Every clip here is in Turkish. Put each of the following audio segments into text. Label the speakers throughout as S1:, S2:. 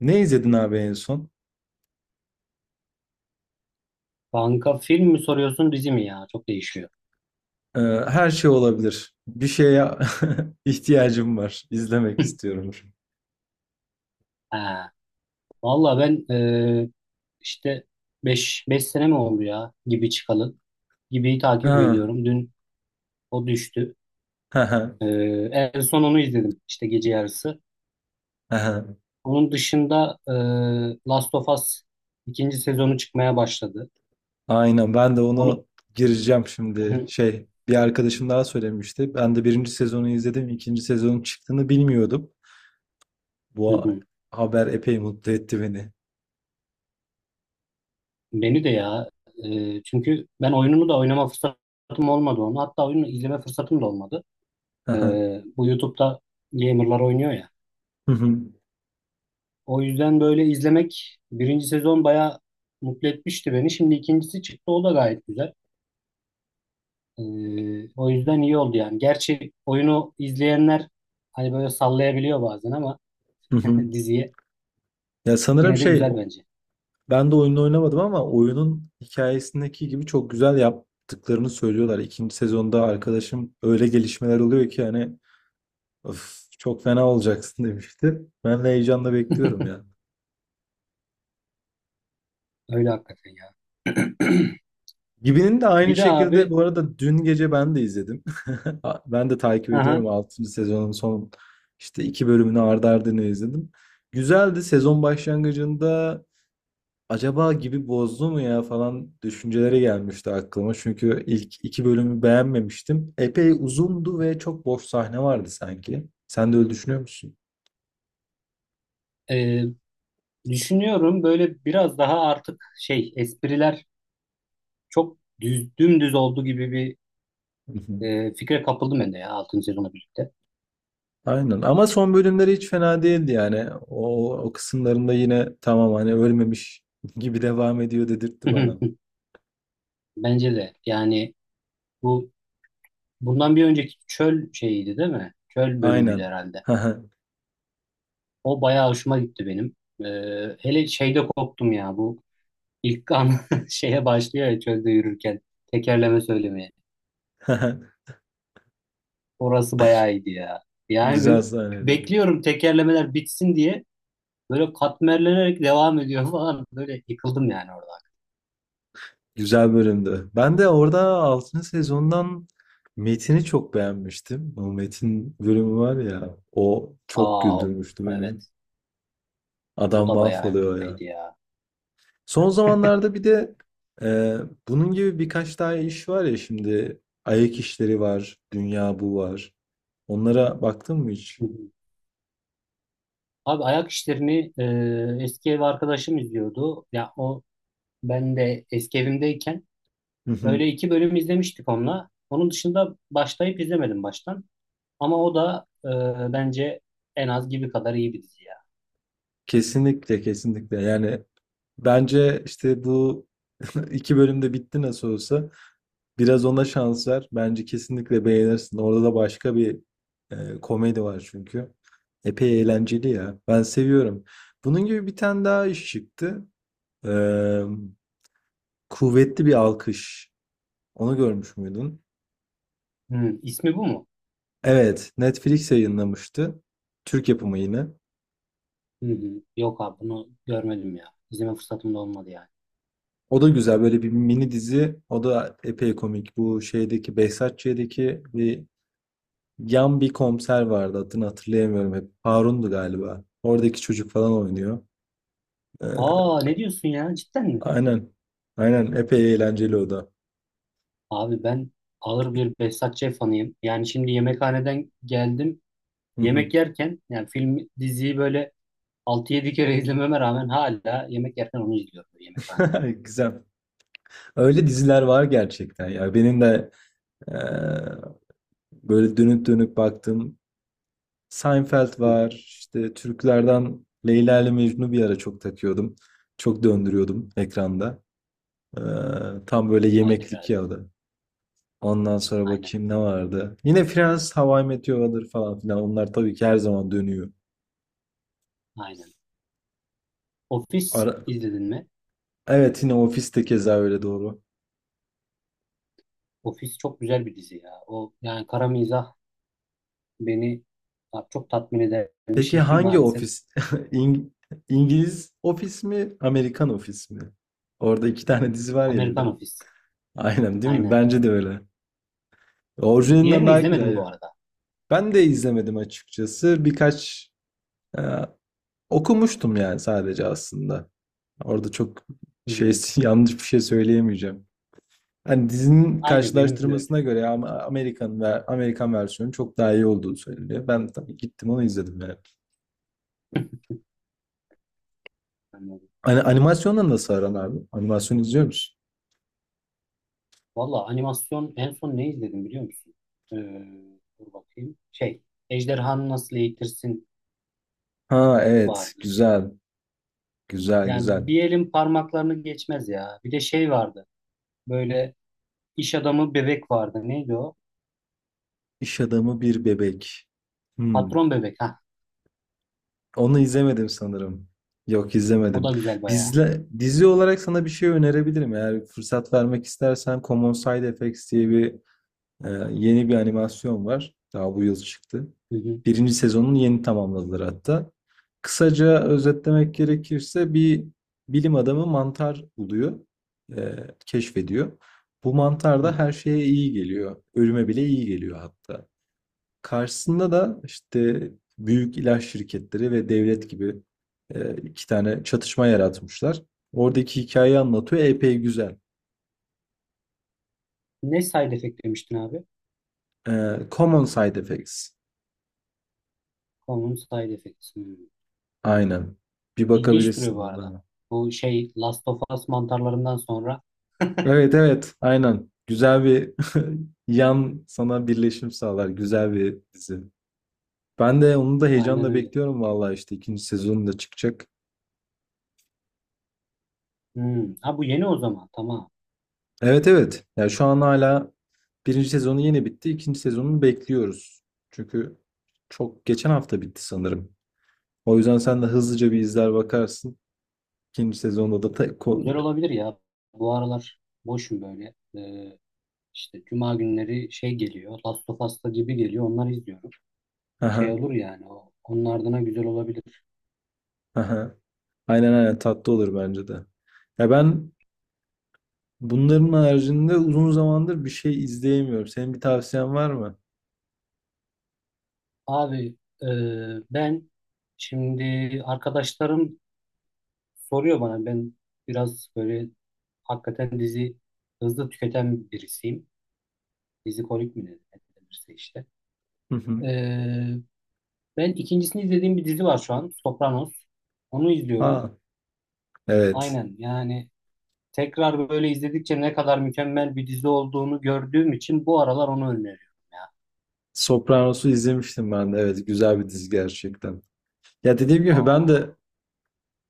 S1: Ne izledin abi en son?
S2: Kanka film mi soruyorsun dizi mi ya? Çok değişiyor.
S1: Ee, Her şey olabilir. Bir şeye ihtiyacım var. İzlemek istiyorum.
S2: Ha. Valla ben işte beş sene mi oldu ya gibi çıkalı. Gibi'yi takip
S1: Ha,
S2: ediyorum. Dün o düştü.
S1: ha, ha,
S2: E, En son onu izledim işte gece yarısı.
S1: ha.
S2: Onun dışında Last of Us ikinci sezonu çıkmaya başladı.
S1: Aynen. Ben de
S2: Onu.
S1: onu gireceğim
S2: Hı
S1: şimdi.
S2: hı,
S1: Şey, bir arkadaşım daha söylemişti. Ben de birinci sezonu izledim. İkinci sezonun çıktığını bilmiyordum.
S2: hı
S1: Bu a-
S2: hı.
S1: haber epey mutlu etti beni.
S2: Beni de ya. Çünkü ben oyununu da oynama fırsatım olmadı onu. Hatta oyunu izleme fırsatım da olmadı.
S1: Hı
S2: E,
S1: hı.
S2: Bu YouTube'da gamerlar oynuyor ya.
S1: Hı hı.
S2: O yüzden böyle izlemek birinci sezon bayağı mutlu etmişti beni. Şimdi ikincisi çıktı o da gayet güzel. O yüzden iyi oldu yani. Gerçi oyunu izleyenler hani böyle sallayabiliyor bazen ama diziye
S1: Ya sanırım
S2: yine de
S1: şey,
S2: güzel bence.
S1: ben de oyununu oynamadım ama oyunun hikayesindeki gibi çok güzel yaptıklarını söylüyorlar. İkinci sezonda arkadaşım öyle gelişmeler oluyor ki hani "Öf, çok fena olacaksın demişti. Ben de heyecanla bekliyorum yani.
S2: Öyle hakikaten ya.
S1: Gibi'nin de aynı
S2: Bir de
S1: şekilde
S2: abi,
S1: bu arada dün gece ben de izledim. Ben de takip
S2: aha,
S1: ediyorum altıncı sezonun son işte iki bölümünü ardı ardına izledim. Güzeldi, sezon başlangıcında acaba gibi bozdu mu ya falan düşünceleri gelmişti aklıma. Çünkü ilk iki bölümü beğenmemiştim. Epey uzundu ve çok boş sahne vardı sanki. Sen de öyle düşünüyor musun?
S2: e, düşünüyorum böyle biraz daha artık şey espriler çok düz dümdüz oldu gibi bir
S1: Hı hı.
S2: fikre kapıldım ben de ya altıncı sezonla birlikte.
S1: Aynen ama son bölümleri hiç fena değildi yani. O, o kısımlarında yine tamam hani ölmemiş gibi devam ediyor dedirtti bana.
S2: Bence de yani bu bundan bir önceki çöl şeyiydi değil mi? Çöl bölümüydü
S1: Aynen.
S2: herhalde. O bayağı hoşuma gitti benim. Hele şeyde koptum ya, bu ilk an şeye başlıyor ya, çölde yürürken tekerleme söylemeye. Orası bayağı iyiydi ya. Yani böyle
S1: Güzel sahneydi.
S2: bekliyorum tekerlemeler bitsin diye, böyle katmerlenerek devam ediyor falan. Böyle yıkıldım yani orada.
S1: Güzel bölümdü. Ben de orada altıncı sezondan Metin'i çok beğenmiştim. O Metin bölümü var ya, o çok
S2: Aa,
S1: güldürmüştü beni.
S2: evet, o
S1: Adam
S2: da bayağı
S1: mahvoluyor ya.
S2: iyiydi ya.
S1: Son zamanlarda bir de e, bunun gibi birkaç daha iş var ya şimdi. Ayak işleri var, Dünya Bu var. Onlara baktın mı hiç?
S2: Hı hı. Abi ayak işlerini eski ev arkadaşım izliyordu. Ya o, ben de eski evimdeyken
S1: Hı hı.
S2: böyle iki bölüm izlemiştik onunla. Onun dışında başlayıp izlemedim baştan. Ama o da, bence en az gibi kadar iyi bir dizi ya.
S1: Kesinlikle, kesinlikle. Yani bence işte bu iki bölümde bitti nasıl olsa. Biraz ona şans ver. Bence kesinlikle beğenirsin. Orada da başka bir komedi var çünkü. Epey eğlenceli ya. Ben seviyorum. Bunun gibi bir tane daha iş çıktı. Ee, Kuvvetli Bir Alkış. Onu görmüş müydün?
S2: Hı, ismi bu mu?
S1: Evet, Netflix yayınlamıştı. Türk yapımı yine.
S2: Hı hı. Yok abi, bunu görmedim ya. İzleme fırsatım da olmadı yani.
S1: O da güzel böyle bir mini dizi. O da epey komik. Bu şeydeki Behzatçı'daki bir yan bir komiser vardı. Adını hatırlayamıyorum hep. Harun'du galiba. Oradaki çocuk falan oynuyor.
S2: Aa,
S1: Ee,
S2: ne diyorsun ya, cidden mi?
S1: aynen. Aynen. Epey eğlenceli o da.
S2: Abi ben ağır bir Behzat Ç. fanıyım. Yani şimdi yemekhaneden geldim.
S1: Hı hı.
S2: Yemek yerken, yani film diziyi böyle 6-7 kere izlememe rağmen, hala yemek yerken onu izliyorum yemekhanede.
S1: Güzel. Öyle diziler var gerçekten ya. Benim de eee, böyle dönüp dönüp baktığım Seinfeld
S2: Hı hı.
S1: var. İşte Türklerden Leyla ile Mecnun'u bir ara çok takıyordum. Çok döndürüyordum ekranda. Eee, tam böyle
S2: Hayır,
S1: yemeklik
S2: hayır.
S1: ya da. Ondan sonra
S2: Aynen.
S1: bakayım ne vardı. Yine Friends, How I Met Your Mother falan filan. Onlar tabii ki her zaman dönüyor.
S2: Aynen. Office
S1: Ara-
S2: izledin mi?
S1: Evet, yine ofiste keza öyle doğru.
S2: Office çok güzel bir dizi ya. O yani kara mizah beni, ya, çok tatmin eden bir
S1: Peki
S2: şey
S1: hangi
S2: maalesef.
S1: ofis? İng- İngiliz ofis mi, Amerikan ofis mi? Orada iki tane dizi var ya bir de.
S2: Amerikan Office.
S1: Aynen değil mi?
S2: Aynen.
S1: Bence de öyle. Orijinalinden
S2: Diğerini
S1: daha güzel
S2: izlemedim
S1: ya.
S2: bu arada.
S1: Ben de izlemedim açıkçası. Birkaç e, okumuştum yani sadece aslında. Orada çok şey
S2: Hmm.
S1: yanlış bir şey söyleyemeyeceğim. Hani dizinin
S2: Aynı benim de öyle.
S1: karşılaştırmasına göre ama Amerikan ve Amerikan versiyonu çok daha iyi olduğu söyleniyor. Ben tabii gittim onu izledim yani.
S2: Anladım.
S1: Hani animasyonla nasıl aran abi? Animasyon izliyor musun?
S2: Valla animasyon en son ne izledim biliyor musun? Ee, Dur bakayım. Şey, Ejderhanı Nasıl Eğitirsin
S1: Ha evet,
S2: vardı.
S1: güzel güzel
S2: Yani
S1: güzel.
S2: bir elin parmaklarını geçmez ya. Bir de şey vardı. Böyle iş adamı bebek vardı. Neydi o?
S1: İş adamı bir bebek. Hmm.
S2: Patron bebek. Ha,
S1: Onu izlemedim sanırım. Yok
S2: o
S1: izlemedim.
S2: da güzel bayağı.
S1: Dizi olarak sana bir şey önerebilirim. Eğer fırsat vermek istersen Common Side Effects diye bir yeni bir animasyon var. Daha bu yıl çıktı.
S2: Hı hı.
S1: Birinci sezonunu yeni tamamladılar hatta. Kısaca özetlemek gerekirse bir bilim adamı mantar buluyor, e, keşfediyor. Bu mantar
S2: Hı.
S1: da her şeye iyi geliyor. Ölüme bile iyi geliyor hatta. Karşısında da işte büyük ilaç şirketleri ve devlet gibi iki tane çatışma yaratmışlar. Oradaki hikayeyi anlatıyor. Epey güzel.
S2: Ne side effect demiştin abi?
S1: E, Common Side Effects.
S2: Common side effects. Hmm.
S1: Aynen. Bir
S2: İlginç duruyor
S1: bakabilirsin
S2: bu arada.
S1: orada.
S2: Bu şey Last of Us mantarlarından sonra,
S1: Evet evet aynen. Güzel bir yan sana birleşim sağlar. Güzel bir dizi. Ben de onu da
S2: aynen
S1: heyecanla
S2: öyle.
S1: bekliyorum vallahi işte ikinci sezonu da çıkacak.
S2: Hmm. Ha, bu yeni o zaman. Tamam.
S1: Evet evet. Ya şu an hala birinci sezonu yeni bitti. İkinci sezonunu bekliyoruz. Çünkü çok geçen hafta bitti sanırım. O yüzden sen de hızlıca bir izler bakarsın. İkinci sezonda da
S2: Güzel olabilir ya. Bu aralar boşum böyle. İşte cuma günleri şey geliyor. Last of Us'ta, gibi geliyor. Onları izliyorum. Şey
S1: aha,
S2: olur yani. Onun ardına güzel olabilir.
S1: aha. Aynen aynen, tatlı olur bence de. Ya ben, bunların haricinde uzun zamandır bir şey izleyemiyorum. Senin bir tavsiyen var mı?
S2: Abi, e, ben şimdi, arkadaşlarım soruyor bana, ben biraz böyle hakikaten dizi hızlı tüketen birisiyim. Dizi kolik mi denirse işte.
S1: Hı hı.
S2: Ee, Ben ikincisini izlediğim bir dizi var şu an. Sopranos. Onu izliyorum.
S1: Ha, evet.
S2: Aynen, yani tekrar böyle izledikçe ne kadar mükemmel bir dizi olduğunu gördüğüm için, bu aralar onu öneriyorum ya.
S1: Sopranos'u izlemiştim ben de. Evet, güzel bir dizi gerçekten. Ya dediğim gibi ben
S2: Aa.
S1: de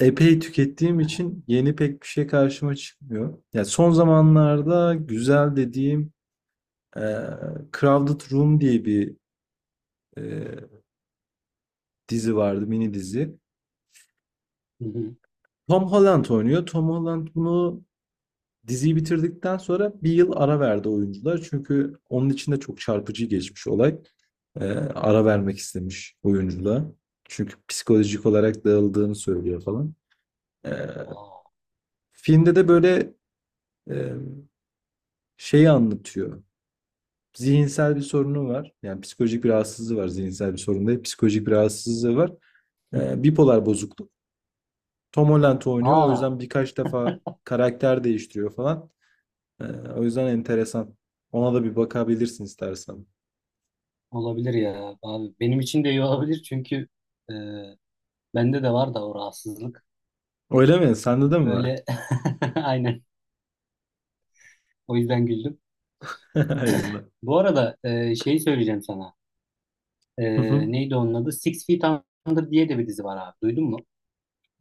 S1: epey tükettiğim için yeni pek bir şey karşıma çıkmıyor. Ya son zamanlarda güzel dediğim e, Crowded Room diye bir e, dizi vardı, mini dizi.
S2: Hı hı.
S1: Tom Holland oynuyor. Tom Holland bunu Diziyi bitirdikten sonra bir yıl ara verdi oyuncular. Çünkü onun için de çok çarpıcı geçmiş olay. Ara vermek istemiş oyunculuğa. Çünkü psikolojik olarak dağıldığını söylüyor falan. Ee,
S2: Aa.
S1: filmde de böyle e, şeyi anlatıyor. Zihinsel bir sorunu var. Yani psikolojik bir rahatsızlığı var. Zihinsel bir sorun değil. Psikolojik bir rahatsızlığı var. Bipolar bozukluk. Tom Holland oynuyor. O
S2: Aa.
S1: yüzden birkaç defa karakter değiştiriyor falan. Ee, o yüzden enteresan. Ona da bir bakabilirsin istersen.
S2: Olabilir ya abi. Benim için de iyi olabilir, çünkü e, bende de var da o rahatsızlık.
S1: Öyle mi? Sende de mi var?
S2: Böyle aynen. O yüzden güldüm.
S1: Aynen.
S2: Bu arada, şeyi söyleyeceğim sana. E,
S1: Hı hı.
S2: Neydi onun adı? Six Feet Under diye de bir dizi var abi. Duydun mu?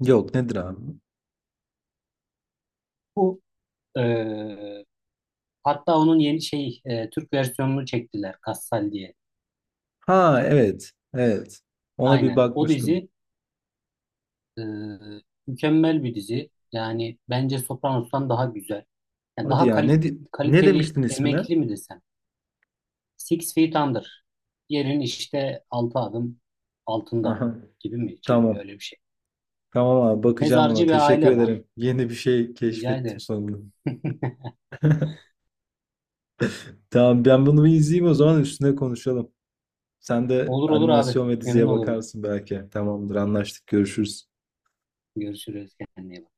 S1: Yok, nedir abi?
S2: Bu, e, hatta onun yeni şey, Türk versiyonunu çektiler. Kassal diye.
S1: Ha evet. Evet. Ona bir
S2: Aynen. O
S1: bakmıştım.
S2: dizi e, mükemmel bir dizi. Yani bence Sopranos'tan daha güzel. Yani
S1: Hadi
S2: daha
S1: ya ne di- ne
S2: kaliteli
S1: demiştin ismine?
S2: emekli mi desem? Six Feet Under. Yerin işte altı adım altında
S1: Aha.
S2: gibi mi çeviriyor,
S1: Tamam.
S2: öyle bir şey.
S1: Tamam abi, bakacağım buna.
S2: Mezarcı bir
S1: Teşekkür
S2: aile var.
S1: ederim. Yeni bir şey
S2: Rica
S1: keşfettim
S2: ederim.
S1: sonunda. Tamam, ben bunu bir izleyeyim o zaman üstüne konuşalım. Sen de
S2: Olur olur abi.
S1: animasyon ve
S2: Memnun
S1: diziye
S2: olurum.
S1: bakarsın belki. Tamamdır, anlaştık, görüşürüz.
S2: Görüşürüz. Kendine iyi bak.